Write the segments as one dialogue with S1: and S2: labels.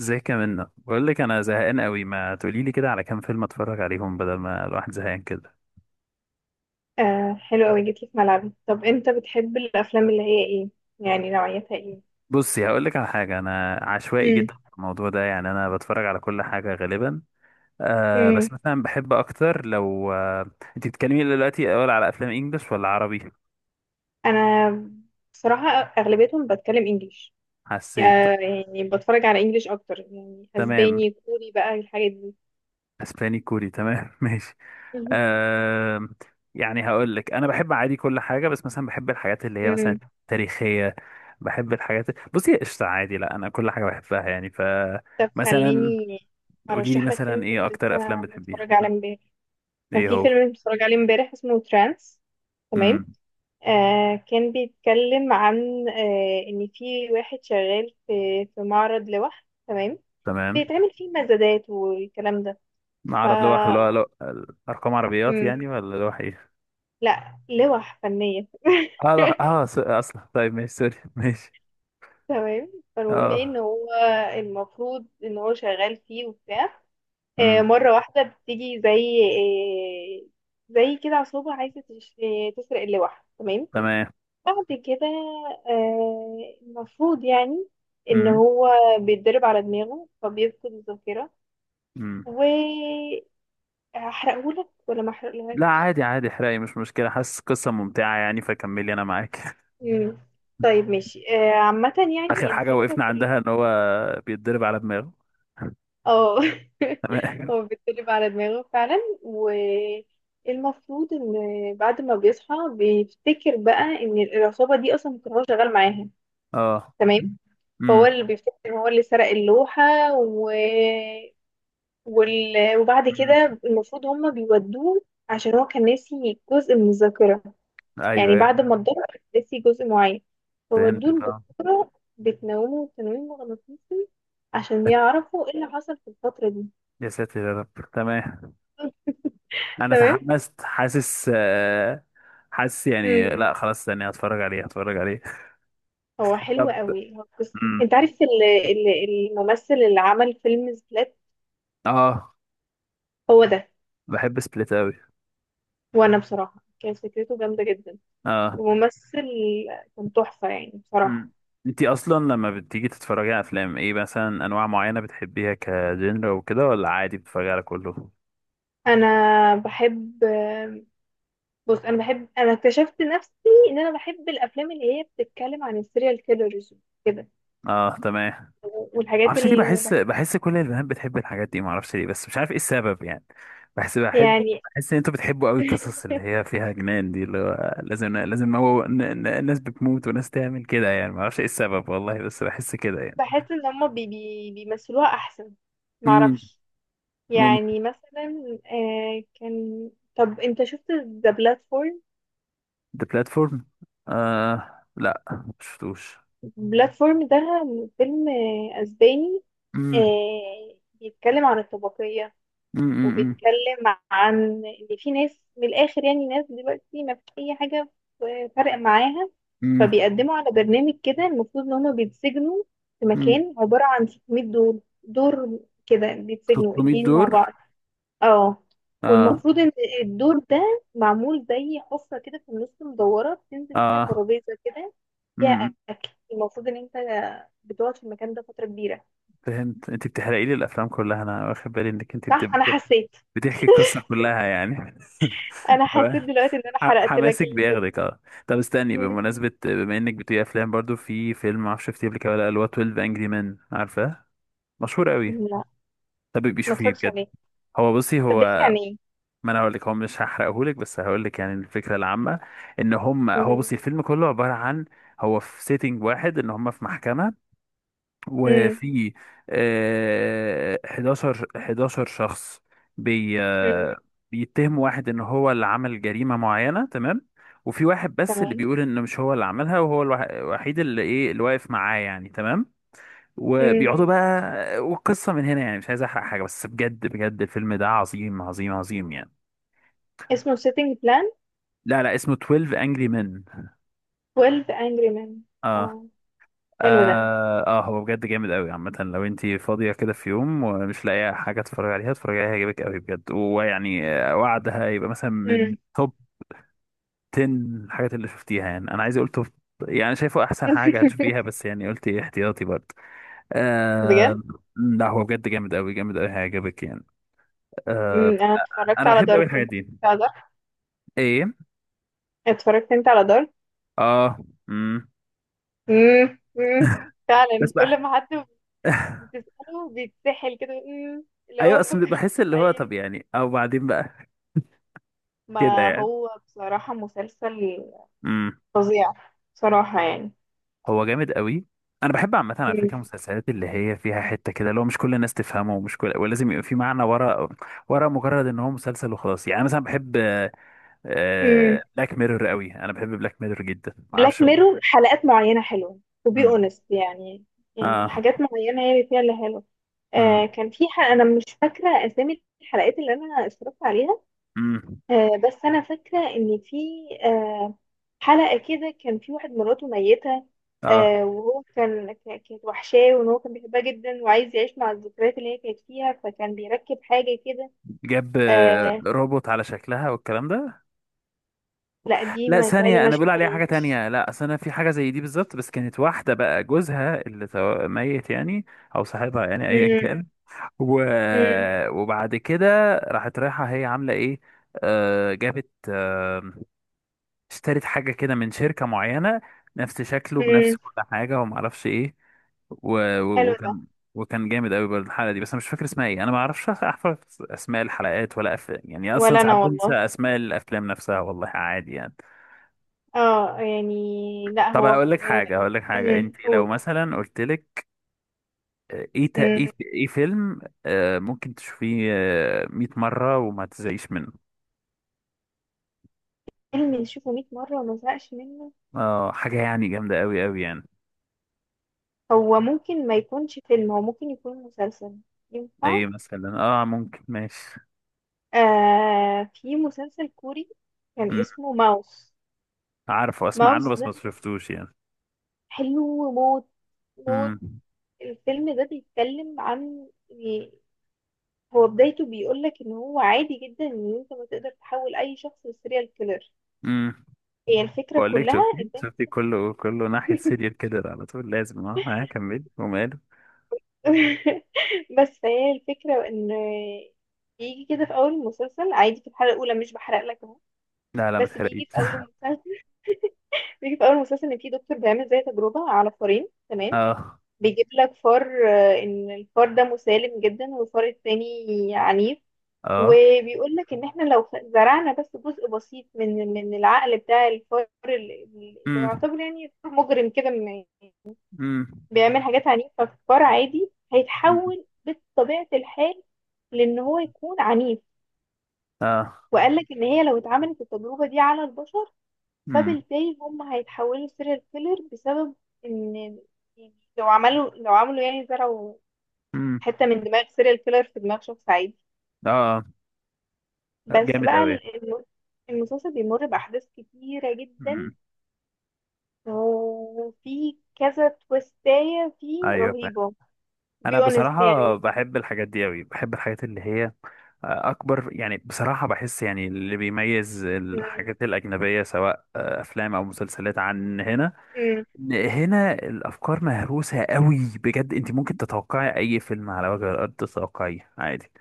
S1: ازيك يا منى؟ بقول لك انا زهقان قوي، ما تقولي لي كده على كام فيلم اتفرج عليهم بدل ما الواحد زهقان كده.
S2: آه حلو قوي، جيتي في ملعبي. طب انت بتحب الافلام اللي هي ايه؟ يعني نوعيتها ايه؟
S1: بصي هقول لك على حاجه، انا عشوائي
S2: امم
S1: جدا في الموضوع ده، يعني انا بتفرج على كل حاجه غالبا.
S2: امم
S1: بس مثلا بحب اكتر لو انت بتتكلمي دلوقتي اول على افلام انجلش ولا عربي؟
S2: انا بصراحه اغلبيتهم بتكلم انجليش،
S1: حسيت.
S2: يعني بتفرج على انجليش اكتر، يعني
S1: تمام.
S2: اسباني كوري بقى الحاجات دي.
S1: اسباني كوري تمام. ماشي.
S2: مهم.
S1: آه يعني هقول لك انا بحب عادي كل حاجه، بس مثلا بحب الحاجات اللي هي مثلا
S2: امم،
S1: تاريخيه. بحب الحاجات. بصي قشطه، عادي، لا انا كل حاجه بحبها يعني
S2: طب
S1: مثلا
S2: خليني
S1: قولي لي
S2: ارشح لك فيلم
S1: مثلا
S2: كنت
S1: ايه اكتر افلام
S2: لسه
S1: بتحبيها؟
S2: متفرج عليه
S1: مم.
S2: امبارح. كان
S1: ايه
S2: في
S1: هو؟
S2: فيلم متفرج عليه امبارح اسمه ترانس، تمام.
S1: امم
S2: كان بيتكلم عن ان في واحد شغال في معرض لوح، تمام.
S1: تمام.
S2: بيتعمل فيه مزادات والكلام ده. ف
S1: معرض لوح، اللي هو ارقام عربيات
S2: مم.
S1: يعني ولا لوح ايه؟
S2: لا، لوح فنية
S1: اه لوح، اصلا طيب ماشي، سوري، ماشي.
S2: تمام، فالمهم ايه
S1: اه.
S2: ان هو المفروض ان هو شغال فيه وبتاع.
S1: امم
S2: مرة واحدة بتيجي زي زي كده عصابة عايزة تسرق اللوح، تمام.
S1: تمام.
S2: بعد كده المفروض يعني ان
S1: امم
S2: هو بيتدرب على دماغه فبيفقد الذاكرة.
S1: امم
S2: و هحرقهولك ولا ما
S1: لا عادي عادي احرقي، مش مشكله، حاسس قصه ممتعه يعني فكملي انا معاك.
S2: مم. طيب ماشي. عامة
S1: اخر
S2: يعني
S1: حاجه
S2: الفكرة
S1: وقفنا
S2: كلها.
S1: عندها ان هو بيتضرب على دماغه.
S2: اه
S1: تمام.
S2: هو بيتقلب على دماغه فعلا. والمفروض ان بعد ما بيصحى بيفتكر بقى ان العصابة دي اصلا كان هو شغال معاها،
S1: اه.
S2: تمام. فهو
S1: امم
S2: اللي بيفتكر ان هو اللي سرق اللوحة و... وبعد
S1: أمم.
S2: كده المفروض هما بيودوه عشان هو كان ناسي جزء من الذاكرة،
S1: ايوه
S2: يعني
S1: ايوه
S2: بعد ما اتضرب ناسي جزء معين،
S1: فهمت
S2: فودوه
S1: اه.
S2: لدكتورة بتنومه تنويم مغناطيسي عشان يعرفوا ايه اللي حصل في الفترة دي.
S1: يا ساتر يا رب، تمام. انا
S2: تمام.
S1: تحمست، حاسس حاسس يعني،
S2: امم،
S1: لا خلاص ثانية هتفرج عليه، هتفرج عليه.
S2: هو حلو
S1: طب.
S2: قوي، هو بس
S1: امم
S2: انت عارف ال- الممثل اللي عمل فيلم سبلات؟
S1: اه،
S2: هو ده.
S1: بحب سبليت قوي.
S2: وانا بصراحة كانت فكرته جامدة جدا،
S1: اه.
S2: وممثل كان تحفة يعني بصراحة.
S1: امم انتي اصلا لما بتيجي تتفرجي على افلام ايه مثلا؟ انواع معينة بتحبيها كجنرا وكده ولا عادي بتتفرجي على كله؟
S2: انا بحب بص انا بحب، انا اكتشفت نفسي ان انا بحب الافلام اللي هي بتتكلم عن السيريال كيلرز كده،
S1: اه تمام.
S2: والحاجات
S1: معرفش ليه
S2: اللي
S1: بحس،
S2: وبحب-
S1: كل البنات بتحب الحاجات دي معرفش ليه، بس مش عارف ايه السبب يعني. بحب
S2: يعني
S1: ان انتوا بتحبوا قوي القصص اللي هي فيها جنان دي، اللي هو لازم هو ناس بتموت وناس تعمل كده يعني، معرفش ايه السبب والله، بس بحس كده يعني.
S2: بحس ان هما بي بيمثلوها احسن،
S1: امم
S2: معرفش.
S1: ممكن.
S2: يعني مثلا آه كان طب انت شفت ذا بلاتفورم؟
S1: ذا بلاتفورم، لا مشفتوش.
S2: بلاتفورم ده فيلم اسباني.
S1: امم
S2: بيتكلم عن الطبقية،
S1: امم
S2: وبيتكلم عن ان في ناس من الاخر، يعني ناس دلوقتي ما فيش اي حاجة فرق معاها.
S1: امم
S2: فبيقدموا على برنامج كده المفروض ان هما بيتسجنوا في
S1: امم
S2: مكان عبارة عن 600 دور كده، بيتسجنوا
S1: 600
S2: اتنين مع
S1: دور.
S2: بعض. اه.
S1: اه.
S2: والمفروض ان الدور ده معمول زي حفرة كده في النص مدورة، بتنزل فيها
S1: اه.
S2: ترابيزة كده فيها
S1: امم
S2: اكل. المفروض ان انت بتقعد في المكان ده فترة كبيرة.
S1: فهمت، انت بتحرقي لي الافلام كلها، انا واخد بالي انك انت
S2: صح، انا حسيت،
S1: بتحكي القصة كلها يعني.
S2: انا حسيت
S1: تمام.
S2: دلوقتي ان انا حرقت لك
S1: حماسك
S2: الفيلم.
S1: بياخدك اه. طب استني،
S2: مم.
S1: بمناسبة بما انك بتقري افلام برضو، في فيلم معرفش شفتيه قبل كده ولا لأ، اللي هو 12 انجري مان، عارفاه؟ مشهور قوي.
S2: لا،
S1: طب بيبقي
S2: ما
S1: شوفيه
S2: اتفرجتش
S1: بجد.
S2: عليه.
S1: بصي
S2: طب بيحكي
S1: هو،
S2: عن ايه؟
S1: ما انا هقول لك، هو مش هحرقه لك بس هقول لك يعني الفكرة العامة. ان هم هو
S2: مم.
S1: بصي الفيلم كله عبارة عن، هو في سيتنج واحد ان هم في محكمة،
S2: مم.
S1: وفي 11 شخص بي
S2: مم.
S1: آه، بيتهم واحد ان هو اللي عمل جريمة معينة، تمام. وفي واحد بس اللي
S2: تمام.
S1: بيقول ان مش هو اللي عملها، وهو الوحيد اللي ايه، اللي واقف معاه يعني، تمام.
S2: مم.
S1: وبيقعدوا بقى، والقصة من هنا يعني، مش عايز احرق حاجة بس بجد بجد الفيلم ده عظيم عظيم عظيم يعني.
S2: اسمه Setting Plan.
S1: لا لا، اسمه 12 Angry Men.
S2: 12 Angry Men.
S1: اه.
S2: اه، حلو ده.
S1: اه. هو بجد جامد قوي. عامة لو انتي فاضية كده في يوم ومش لاقية حاجة تتفرجي عليها، اتفرجي عليها، هيعجبك قوي بجد. ويعني وعدها يبقى مثلا
S2: مم.
S1: من توب 10 الحاجات اللي شفتيها يعني، انا عايز اقول توب، يعني شايفه احسن حاجة هتشوفيها، بس يعني قلت احتياطي برضه.
S2: بجد.
S1: آه. لا هو بجد جامد قوي، جامد قوي، هيعجبك يعني. آه.
S2: مم. انا اتفرجت
S1: انا
S2: على
S1: بحب قوي
S2: دارك،
S1: الحاجات
S2: انت
S1: دي.
S2: اتفرجت على دارك؟
S1: ايه.
S2: اتفرجت انت على دارك؟
S1: اه. امم
S2: امم. فعلا
S1: بس بقى.
S2: كل ما حد بتسأله بيتسحل كده. امم، اللي
S1: ايوه
S2: هو
S1: اصل
S2: فكر في
S1: بحس اللي هو
S2: اي.
S1: طب يعني، او بعدين بقى كده
S2: ما
S1: يعني.
S2: هو بصراحة مسلسل فظيع، بصراحة يعني.
S1: هو جامد قوي. انا بحب عامه على فكره المسلسلات اللي هي فيها حته كده، لو مش كل الناس تفهمه، ومش كل، ولازم يبقى في معنى ورا، ورا مجرد ان هو مسلسل وخلاص يعني. أنا مثلا بحب
S2: امم.
S1: بلاك ميرور قوي، انا بحب بلاك ميرور جدا ما
S2: بلاك
S1: اعرفش.
S2: ميرور حلقات معينة حلوة to be
S1: امم
S2: honest، يعني. يعني
S1: اه.
S2: حاجات معينة هي اللي فيها اللي حلوة.
S1: امم
S2: كان في حلقة، أنا مش فاكرة أسامي الحلقات اللي أنا اتفرجت عليها.
S1: امم
S2: بس انا فاكره ان في آه، حلقه كده كان في واحد مراته ميته،
S1: اه،
S2: وهو كان كانت وحشاه وان هو كان بيحبها جدا وعايز يعيش مع الذكريات اللي هي كانت فيها، فكان بيركب حاجه كده.
S1: جاب
S2: آه،
S1: روبوت على شكلها والكلام ده.
S2: لا دي
S1: لا
S2: ما تقالي،
S1: ثانية،
S2: ما
S1: أنا بقول عليها حاجة
S2: شفتهاش.
S1: تانية. لا أصل أنا في حاجة زي دي بالظبط، بس كانت واحدة بقى جوزها اللي ميت يعني، أو صاحبها يعني أيا
S2: مم،
S1: كان. و...
S2: مم،
S1: وبعد كده راحت، رايحة هي عاملة ايه؟ آه جابت، آه اشترت حاجة كده من شركة معينة، نفس شكله بنفس
S2: مم.
S1: كل حاجة، وما اعرفش ايه. و... و...
S2: حلو ده.
S1: وكان وكان جامد قوي برضه الحلقة دي، بس انا مش فاكر اسمها ايه، انا ما اعرفش احفظ اسماء الحلقات ولا يعني اصلا
S2: ولا انا
S1: ساعات بنسى
S2: والله.
S1: اسماء الافلام نفسها والله، عادي يعني.
S2: اه يعني. لا
S1: طب
S2: هو آه،
S1: هقول لك حاجة،
S2: مم،
S1: انت لو
S2: قول.
S1: مثلا قلت لك
S2: مم.
S1: ايه، ايه فيلم ممكن تشوفيه آه 100 مرة وما تزهقيش منه؟
S2: فيلم نشوفه 100 مرة وما زهقش منه؟
S1: اه حاجة يعني جامدة أوي أوي يعني.
S2: هو ممكن ما يكونش فيلم، هو ممكن يكون مسلسل،
S1: ده
S2: ينفع؟
S1: ايه مثلا؟ اه ممكن ماشي.
S2: في مسلسل كوري كان
S1: مم.
S2: اسمه ماوس.
S1: عارفه، اسمع
S2: ماوس
S1: عنه بس
S2: ده
S1: ما شفتوش يعني.
S2: حلو موت موت.
S1: امم
S2: الفيلم ده بيتكلم عن، يعني هو بدايته بيقولك ان هو عادي جدا ان انت ما تقدر تحول اي شخص لسيريال كيلر.
S1: امم
S2: هي الفكرة
S1: بقول لك،
S2: كلها ان
S1: شفتي كله ناحية سيريال كده على طول، لازم اه ها كمل وماله.
S2: بس هي الفكرة ان بيجي كده في اول المسلسل عادي في الحلقة الاولى، مش بحرق لك اهو،
S1: لا لا ما
S2: بس
S1: تحرقيش.
S2: بيجي في اول المسلسل بيجي في اول المسلسل ان في دكتور بيعمل زي تجربة على فارين، تمام.
S1: اه.
S2: بيجيب لك فار ان الفار ده مسالم جدا والفار التاني عنيف.
S1: اه.
S2: وبيقول لك ان احنا لو زرعنا بس جزء بسيط من العقل بتاع الفار اللي
S1: امم
S2: يعتبر يعني فار مجرم كده،
S1: امم
S2: بيعمل حاجات عنيفة، فالفار عادي
S1: أمم.
S2: هيتحول بطبيعة الحال، لان هو يكون عنيف.
S1: اه.
S2: وقال لك ان هي لو اتعملت التجربة دي على البشر
S1: امم
S2: فبالتالي هم هيتحولوا سيريال كيلر بسبب ان يعني لو عملوا يعني زرعوا
S1: امم
S2: حته من دماغ سيريال كيلر في دماغ شخص عادي.
S1: اه
S2: بس
S1: جامد
S2: بقى
S1: أوي.
S2: المسلسل بيمر باحداث كتيره جدا،
S1: امم
S2: وفي كذا تويستايه فيه
S1: ايوه.
S2: رهيبه،
S1: انا
S2: بي اونست
S1: بصراحه
S2: يعني.
S1: بحب الحاجات دي قوي، بحب الحاجات اللي هي اكبر يعني. بصراحه بحس يعني اللي بيميز
S2: مم.
S1: الحاجات الاجنبيه سواء افلام او مسلسلات عن هنا،
S2: مم.
S1: إن هنا الافكار مهروسه قوي، بجد انت ممكن تتوقعي اي فيلم على وجه الارض تتوقعيه عادي.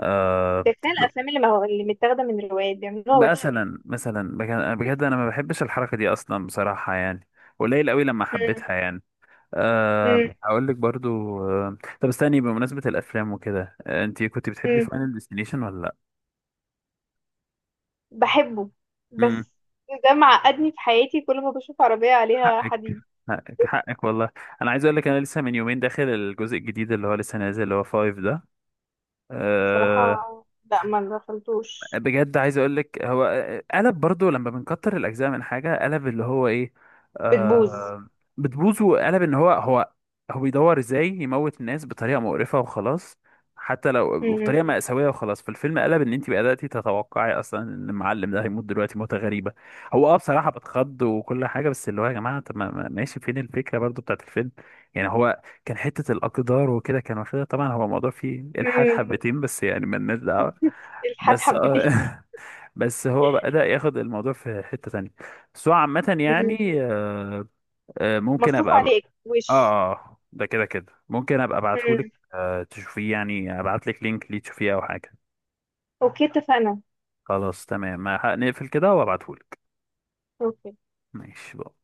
S1: أه.
S2: ده كفايه الافلام اللي ما هو اللي متاخده من روايات بيعملوها وحشه يعني.
S1: مثلا بجد بجد انا ما بحبش الحركه دي اصلا بصراحه يعني، قليل قوي لما
S2: مم.
S1: حبيتها يعني. أه
S2: مم.
S1: هقول لك برضو. أه طب استني بمناسبة الأفلام وكده، أه انت كنت بتحبي
S2: مم.
S1: فاينل ديستنيشن ولا لأ؟
S2: بحبه،
S1: امم
S2: بس ده معقدني في حياتي كل ما بشوف عربيه عليها
S1: حقك،
S2: حديد.
S1: حقك والله. أنا عايز أقول لك، أنا لسه من يومين داخل الجزء الجديد اللي هو لسه نازل اللي هو فايف ده.
S2: بصراحه
S1: آه،
S2: لا، ما دخلتوش.
S1: بجد عايز اقول لك، هو قلب برضو لما بنكتر الاجزاء من حاجه، قلب اللي هو ايه،
S2: بتبوظ.
S1: آه بتبوظ. وقلب ان هو هو بيدور ازاي يموت الناس بطريقه مقرفه وخلاص، حتى لو
S2: مم.
S1: بطريقه مأساويه وخلاص. فالفيلم قلب ان انت بدأتي تتوقعي اصلا ان المعلم ده هيموت دلوقتي موته غريبه. هو اه، بصراحه بتخض وكل حاجه، بس اللي هو يا جماعه، طب ماشي فين الفكره برضو بتاعت الفيلم؟ يعني هو كان حته الاقدار وكده كان واخدها، طبعا هو الموضوع فيه الحاد
S2: مم.
S1: حبتين، بس يعني مالناش دعوه.
S2: الحاد
S1: بس
S2: حبتين.
S1: اه. بس هو بدأ ياخد الموضوع في حتة تانية. بس هو عامة يعني ممكن
S2: مصروف
S1: ابقى
S2: عليه وش.
S1: اه، ده كده كده ممكن ابقى
S2: مم.
S1: ابعتهولك، تشوفيه يعني، ابعتلك لينك ليه تشوفيه او حاجة.
S2: اوكي، اتفقنا.
S1: خلاص تمام، ما هنقفل كده وابعتهولك.
S2: اوكي.
S1: ماشي بقى.